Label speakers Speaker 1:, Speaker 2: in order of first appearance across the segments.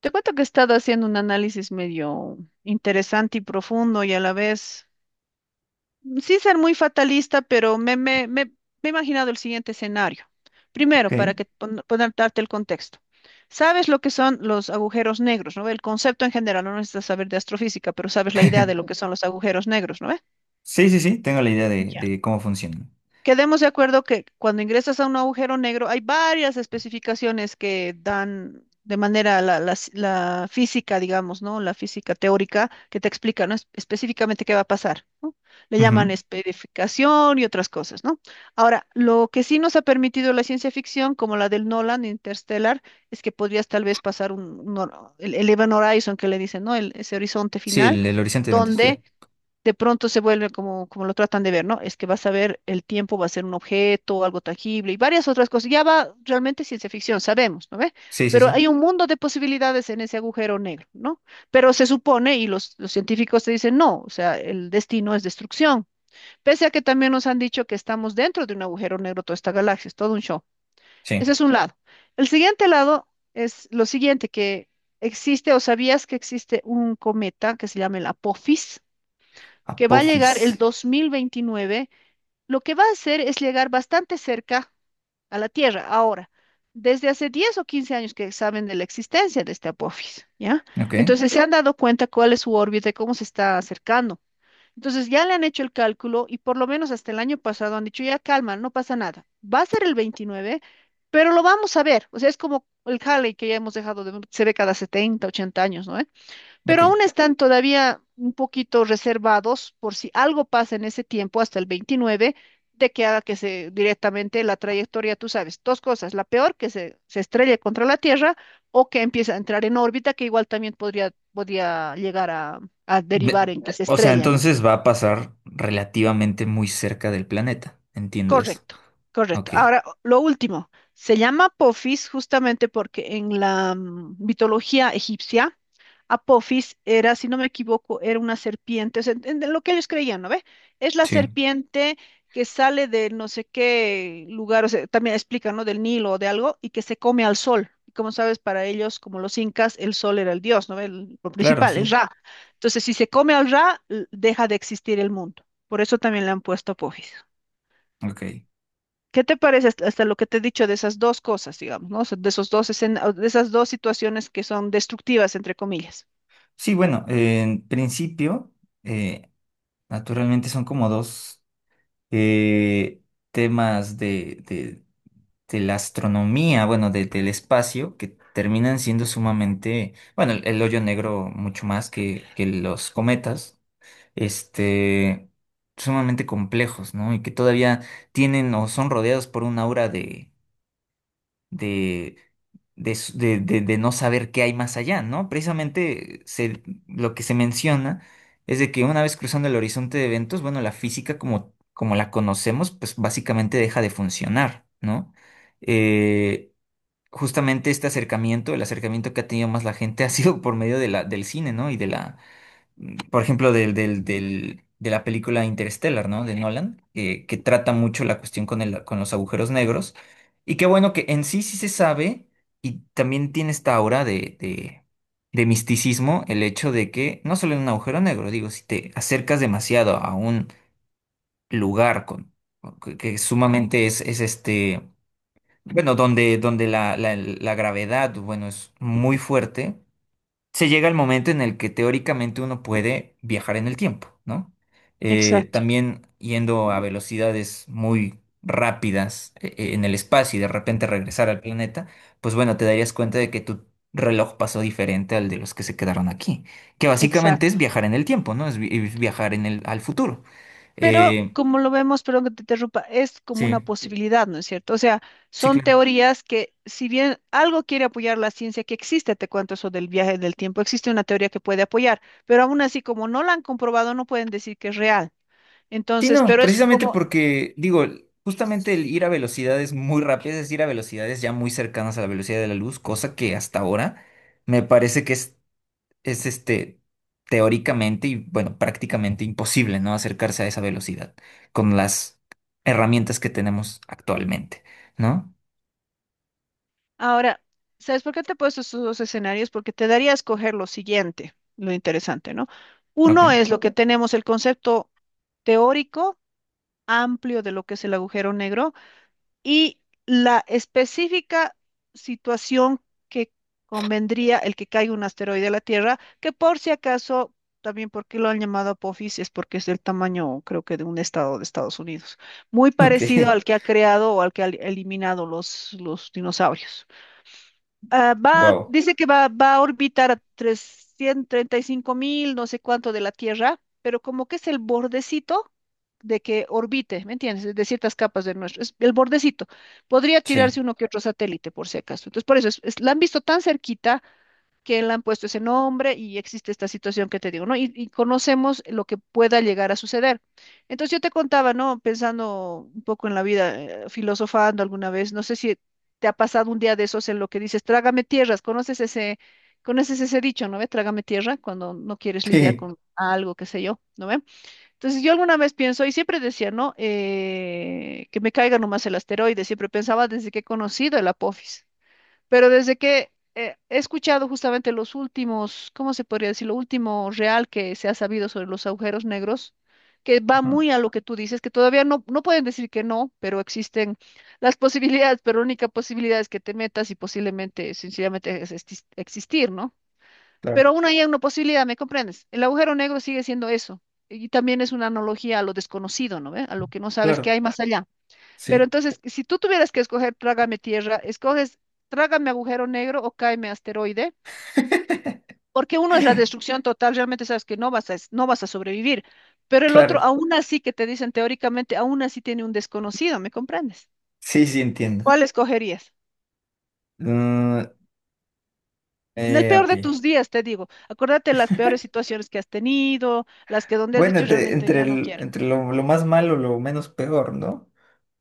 Speaker 1: Te cuento que he estado haciendo un análisis medio interesante y profundo y a la vez, sin ser muy fatalista, pero me he imaginado el siguiente escenario. Primero, para
Speaker 2: Ok.
Speaker 1: que poder darte el contexto. Sabes lo que son los agujeros negros, ¿no ve? El concepto en general, no necesitas saber de astrofísica, pero sabes la idea de lo que son los agujeros negros, ¿no ve?
Speaker 2: Sí, sí, sí, tengo la idea de, cómo funciona.
Speaker 1: Quedemos de acuerdo que cuando ingresas a un agujero negro hay varias especificaciones que dan de manera la física, digamos, ¿no? La física teórica que te explica, ¿no? es- específicamente qué va a pasar, ¿no? Le llaman
Speaker 2: Ujú.
Speaker 1: especificación y otras cosas, ¿no? Ahora, lo que sí nos ha permitido la ciencia ficción, como la del Nolan, Interstellar, es que podrías tal vez pasar el Event Horizon que le dicen, ¿no? Ese horizonte
Speaker 2: Sí,
Speaker 1: final,
Speaker 2: el horizonte de eventos,
Speaker 1: donde
Speaker 2: sí.
Speaker 1: de pronto se vuelve como lo tratan de ver, ¿no? Es que vas a ver el tiempo, va a ser un objeto, algo tangible y varias otras cosas. Ya va realmente ciencia ficción, sabemos, ¿no ve?
Speaker 2: Sí, sí,
Speaker 1: Pero
Speaker 2: sí.
Speaker 1: hay un mundo de posibilidades en ese agujero negro, ¿no? Pero se supone, y los científicos te dicen, no, o sea, el destino es destrucción. Pese a que también nos han dicho que estamos dentro de un agujero negro, toda esta galaxia, es todo un show. Ese
Speaker 2: Sí.
Speaker 1: es un lado. El siguiente lado es lo siguiente, que existe, o sabías que existe un cometa que se llama el Apophis, que va a llegar
Speaker 2: Apophis.
Speaker 1: el 2029, lo que va a hacer es llegar bastante cerca a la Tierra. Ahora, desde hace 10 o 15 años que saben de la existencia de este Apophis, ¿ya?
Speaker 2: Ok,
Speaker 1: Entonces se han dado cuenta cuál es su órbita y cómo se está acercando. Entonces ya le han hecho el cálculo y por lo menos hasta el año pasado han dicho, ya calma, no pasa nada. Va a ser el 29, pero lo vamos a ver. O sea, es como el Halley que ya hemos dejado de ver, se ve cada 70, 80 años, ¿no? Pero aún
Speaker 2: ok.
Speaker 1: están todavía un poquito reservados por si algo pasa en ese tiempo, hasta el 29, de que haga que se directamente la trayectoria, tú sabes, dos cosas, la peor, que se estrelle contra la Tierra o que empiece a entrar en órbita, que igual también podría, podría llegar a
Speaker 2: Me-
Speaker 1: derivar en que se
Speaker 2: o sea,
Speaker 1: estrella, ¿no?
Speaker 2: entonces va a pasar relativamente muy cerca del planeta. Entiendo eso.
Speaker 1: Correcto, correcto.
Speaker 2: Ok.
Speaker 1: Ahora, lo último, se llama Apophis justamente porque en la mitología egipcia, Apophis era, si no me equivoco, era una serpiente, o sea, en lo que ellos creían, ¿no ve? Es la
Speaker 2: Sí.
Speaker 1: serpiente que sale de no sé qué lugar, o sea, también explica, ¿no? Del Nilo o de algo, y que se come al sol. Y como sabes, para ellos, como los incas, el sol era el dios, ¿no ve? El, lo
Speaker 2: Claro,
Speaker 1: principal, el
Speaker 2: sí.
Speaker 1: Ra. Entonces, si se come al Ra, deja de existir el mundo. Por eso también le han puesto Apophis.
Speaker 2: Ok.
Speaker 1: ¿Qué te parece hasta, hasta lo que te he dicho de esas dos cosas, digamos, ¿no? O sea, de esos o de esas dos situaciones que son destructivas, entre comillas?
Speaker 2: Sí, bueno, en principio, eh, naturalmente son como dos eh, temas de, de la astronomía, bueno, del espacio, que terminan siendo sumamente, bueno, el hoyo negro mucho más que los cometas, este, sumamente complejos, ¿no? Y que todavía tienen o son rodeados por una aura de, de, de, de no saber qué hay más allá, ¿no? Precisamente lo que se menciona es de que una vez cruzando el horizonte de eventos, bueno, la física como, como la conocemos, pues básicamente deja de funcionar, ¿no? Eh, justamente este acercamiento, el acercamiento que ha tenido más la gente ha sido por medio de la, del cine, ¿no? Y de la, por ejemplo, de la película Interstellar, ¿no? De Nolan, que trata mucho la cuestión con el, con los agujeros negros. Y qué bueno que en sí sí se sabe y también tiene esta aura de, de misticismo el hecho de que no solo en un agujero negro, digo, si te acercas demasiado a un lugar con, que sumamente es este bueno, donde, donde la, la gravedad, bueno, es muy fuerte, se llega al momento en el que teóricamente uno puede viajar en el tiempo, ¿no?
Speaker 1: Exacto,
Speaker 2: También yendo a velocidades muy rápidas en el espacio y de repente regresar al planeta, pues bueno, te darías cuenta de que tu reloj pasó diferente al de los que se quedaron aquí, que básicamente
Speaker 1: exacto.
Speaker 2: es viajar en el tiempo, ¿no? Es viajar en el, al futuro.
Speaker 1: Pero
Speaker 2: Eh,
Speaker 1: como lo vemos, perdón que te interrumpa, es como una
Speaker 2: sí,
Speaker 1: posibilidad, ¿no es cierto? O sea,
Speaker 2: sí,
Speaker 1: son
Speaker 2: claro.
Speaker 1: teorías que, si bien algo quiere apoyar la ciencia que existe, te cuento eso del viaje del tiempo, existe una teoría que puede apoyar, pero aún así, como no la han comprobado, no pueden decir que es real.
Speaker 2: Sí,
Speaker 1: Entonces,
Speaker 2: no,
Speaker 1: pero es
Speaker 2: precisamente
Speaker 1: como.
Speaker 2: porque, digo, justamente el ir a velocidades muy rápidas es ir a velocidades ya muy cercanas a la velocidad de la luz, cosa que hasta ahora me parece que es este, teóricamente y bueno, prácticamente imposible, ¿no? Acercarse a esa velocidad con las herramientas que tenemos actualmente, ¿no?
Speaker 1: Ahora, ¿sabes por qué te he puesto estos dos escenarios? Porque te daría a escoger lo siguiente, lo interesante, ¿no? Uno
Speaker 2: Ok.
Speaker 1: es lo que tenemos el concepto teórico amplio de lo que es el agujero negro y la específica situación que convendría el que caiga un asteroide a la Tierra, que por si acaso, también porque lo han llamado Apophis, es porque es del tamaño, creo que de un estado de Estados Unidos, muy
Speaker 2: Ok.
Speaker 1: parecido al que ha creado o al que ha eliminado los dinosaurios. Ah, va,
Speaker 2: Wow.
Speaker 1: dice que va, va a orbitar a 335.000, no sé cuánto de la Tierra, pero como que es el bordecito de que orbite, ¿me entiendes? De ciertas capas de nuestro, es el bordecito. Podría
Speaker 2: Sí.
Speaker 1: tirarse uno que otro satélite, por si acaso. Entonces, por eso, la han visto tan cerquita que le han puesto ese nombre y existe esta situación que te digo, ¿no? Y conocemos lo que pueda llegar a suceder. Entonces yo te contaba, ¿no? Pensando un poco en la vida, filosofando alguna vez, no sé si te ha pasado un día de esos en lo que dices, trágame tierras, conoces ese dicho, ¿no ve? Trágame tierra cuando no quieres lidiar
Speaker 2: Sí.
Speaker 1: con algo, qué sé yo, ¿no ve? Entonces yo alguna vez pienso, y siempre decía, ¿no? Que me caiga nomás el asteroide, siempre pensaba desde que he conocido el Apophis. Pero desde que he escuchado justamente los últimos, ¿cómo se podría decir? Lo último real que se ha sabido sobre los agujeros negros, que va
Speaker 2: Ujú.
Speaker 1: muy a lo que tú dices, que todavía no, no pueden decir que no, pero existen las posibilidades, pero la única posibilidad es que te metas y posiblemente, sencillamente, es existir, ¿no? Pero
Speaker 2: Claro,
Speaker 1: aún hay una posibilidad, ¿me comprendes? El agujero negro sigue siendo eso. Y también es una analogía a lo desconocido, ¿no ve? A lo que no sabes que
Speaker 2: claro.
Speaker 1: hay más allá. Pero
Speaker 2: Sí,
Speaker 1: entonces, si tú tuvieras que escoger Trágame Tierra, escoges Trágame Agujero Negro o Cáeme Asteroide, porque uno es la destrucción total, realmente sabes que no vas a, no vas a sobrevivir, pero el otro,
Speaker 2: claro.
Speaker 1: aún así que te dicen teóricamente, aún así tiene un desconocido, ¿me comprendes?
Speaker 2: Sí, sí entiendo.
Speaker 1: ¿Cuál escogerías?
Speaker 2: Mm,
Speaker 1: En el peor
Speaker 2: ok.
Speaker 1: de tus días, te digo, acuérdate las peores situaciones que has tenido, las que donde has
Speaker 2: Bueno,
Speaker 1: dicho
Speaker 2: entre,
Speaker 1: realmente
Speaker 2: entre,
Speaker 1: ya no quiero.
Speaker 2: entre lo más malo, lo menos peor, ¿no?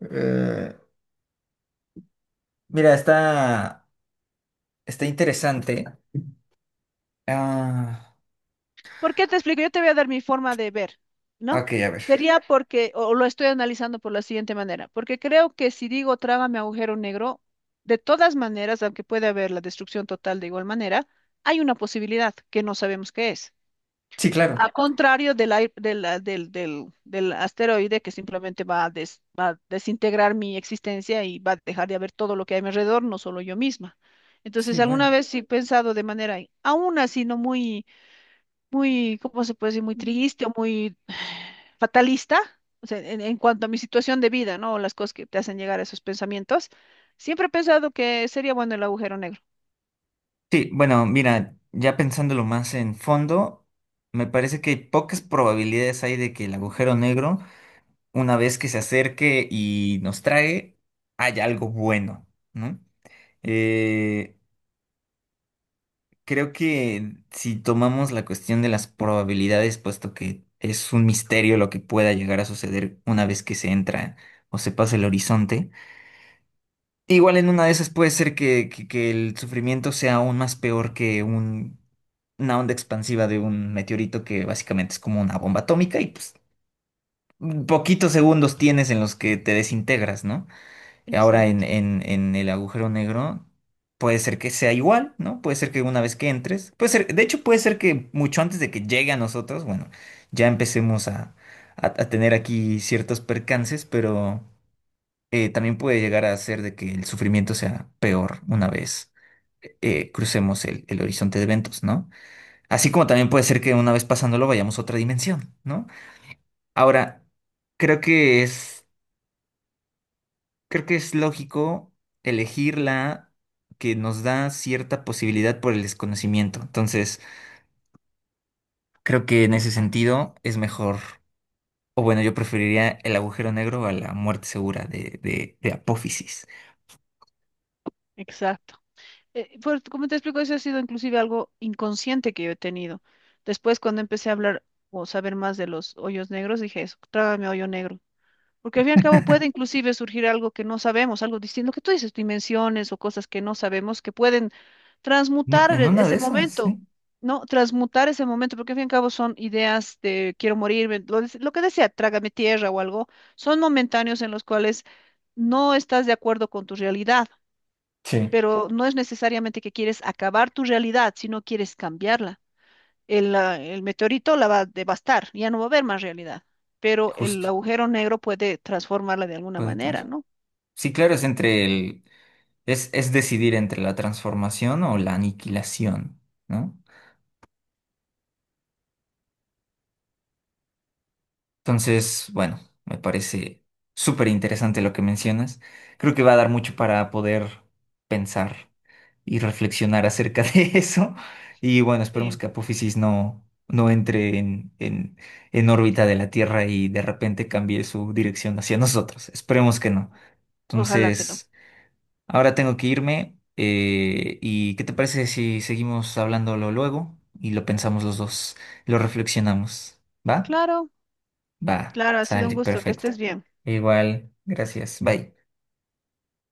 Speaker 2: Eh, mira, está, está interesante. Ah,
Speaker 1: ¿Por qué te explico? Yo te voy a dar mi forma de ver, ¿no?
Speaker 2: ok, a ver.
Speaker 1: Sería porque, o lo estoy analizando por la siguiente manera, porque creo que si digo trágame agujero negro, de todas maneras, aunque puede haber la destrucción total de igual manera, hay una posibilidad que no sabemos qué es.
Speaker 2: Sí, claro.
Speaker 1: A contrario del, ai- del, ah, del, del, del asteroide que simplemente va a, va a desintegrar mi existencia y va a dejar de haber todo lo que hay a mi alrededor, no solo yo misma. Entonces,
Speaker 2: Sí,
Speaker 1: alguna
Speaker 2: bueno.
Speaker 1: vez sí he pensado de manera, aún así, no ¿cómo se puede decir? Muy triste o muy fatalista, o sea, en cuanto a mi situación de vida, ¿no? Las cosas que te hacen llegar a esos pensamientos, siempre he pensado que sería bueno el agujero negro.
Speaker 2: Sí, bueno, mira, ya pensándolo más en fondo, me parece que pocas probabilidades hay de que el agujero negro, una vez que se acerque y nos trae, haya algo bueno, ¿no? Eh, creo que si tomamos la cuestión de las probabilidades, puesto que es un misterio lo que pueda llegar a suceder una vez que se entra o se pasa el horizonte, igual en una de esas puede ser que, que el sufrimiento sea aún más peor que una onda expansiva de un meteorito que básicamente es como una bomba atómica y pues poquitos segundos tienes en los que te desintegras, ¿no? Ahora en,
Speaker 1: Exacto,
Speaker 2: en el agujero negro puede ser que sea igual, ¿no? Puede ser que una vez que entres, puede ser, de hecho puede ser que mucho antes de que llegue a nosotros, bueno, ya empecemos a, a tener aquí ciertos percances, pero también puede llegar a ser de que el sufrimiento sea peor una vez crucemos el horizonte de eventos, ¿no? Así como también puede ser que una vez pasándolo vayamos a otra dimensión, ¿no? Ahora, creo que es... Creo que es lógico elegir la que nos da cierta posibilidad por el desconocimiento. Entonces, creo que en ese sentido es mejor, o bueno, yo preferiría el agujero negro a la muerte segura de, de Apófisis.
Speaker 1: exacto. Pues, como te explico, eso ha sido inclusive algo inconsciente que yo he tenido. Después, cuando empecé a hablar o saber más de los hoyos negros, dije eso, trágame hoyo negro. Porque al fin y al cabo puede inclusive surgir algo que no sabemos, algo distinto, lo que tú dices, dimensiones o cosas que no sabemos que pueden
Speaker 2: No,
Speaker 1: transmutar
Speaker 2: en una de
Speaker 1: ese
Speaker 2: esas,
Speaker 1: momento,
Speaker 2: sí.
Speaker 1: ¿no? Transmutar ese momento, porque al fin y al cabo son ideas de quiero morirme, lo que decía, trágame tierra o algo, son momentáneos en los cuales no estás de acuerdo con tu realidad,
Speaker 2: Sí,
Speaker 1: pero no es necesariamente que quieres acabar tu realidad, sino quieres cambiarla. El meteorito la va a devastar, ya no va a haber más realidad, pero el
Speaker 2: justo.
Speaker 1: agujero negro puede transformarla de alguna
Speaker 2: Puede
Speaker 1: manera,
Speaker 2: trans-
Speaker 1: ¿no?
Speaker 2: Sí, claro, es entre el... es decidir entre la transformación o la aniquilación, ¿no? Entonces, bueno, me parece súper interesante lo que mencionas. Creo que va a dar mucho para poder pensar y reflexionar acerca de eso. Y bueno, esperemos que Apófisis no, no entre en, en órbita de la Tierra y de repente cambie su dirección hacia nosotros. Esperemos que no.
Speaker 1: Ojalá que no.
Speaker 2: Entonces, ahora tengo que irme. ¿Y qué te parece si seguimos hablándolo luego y lo pensamos los dos, lo reflexionamos? ¿Va?
Speaker 1: Claro,
Speaker 2: Va,
Speaker 1: claro, ha sido un
Speaker 2: sale,
Speaker 1: gusto, que
Speaker 2: perfecto.
Speaker 1: estés bien.
Speaker 2: Igual, gracias. Bye.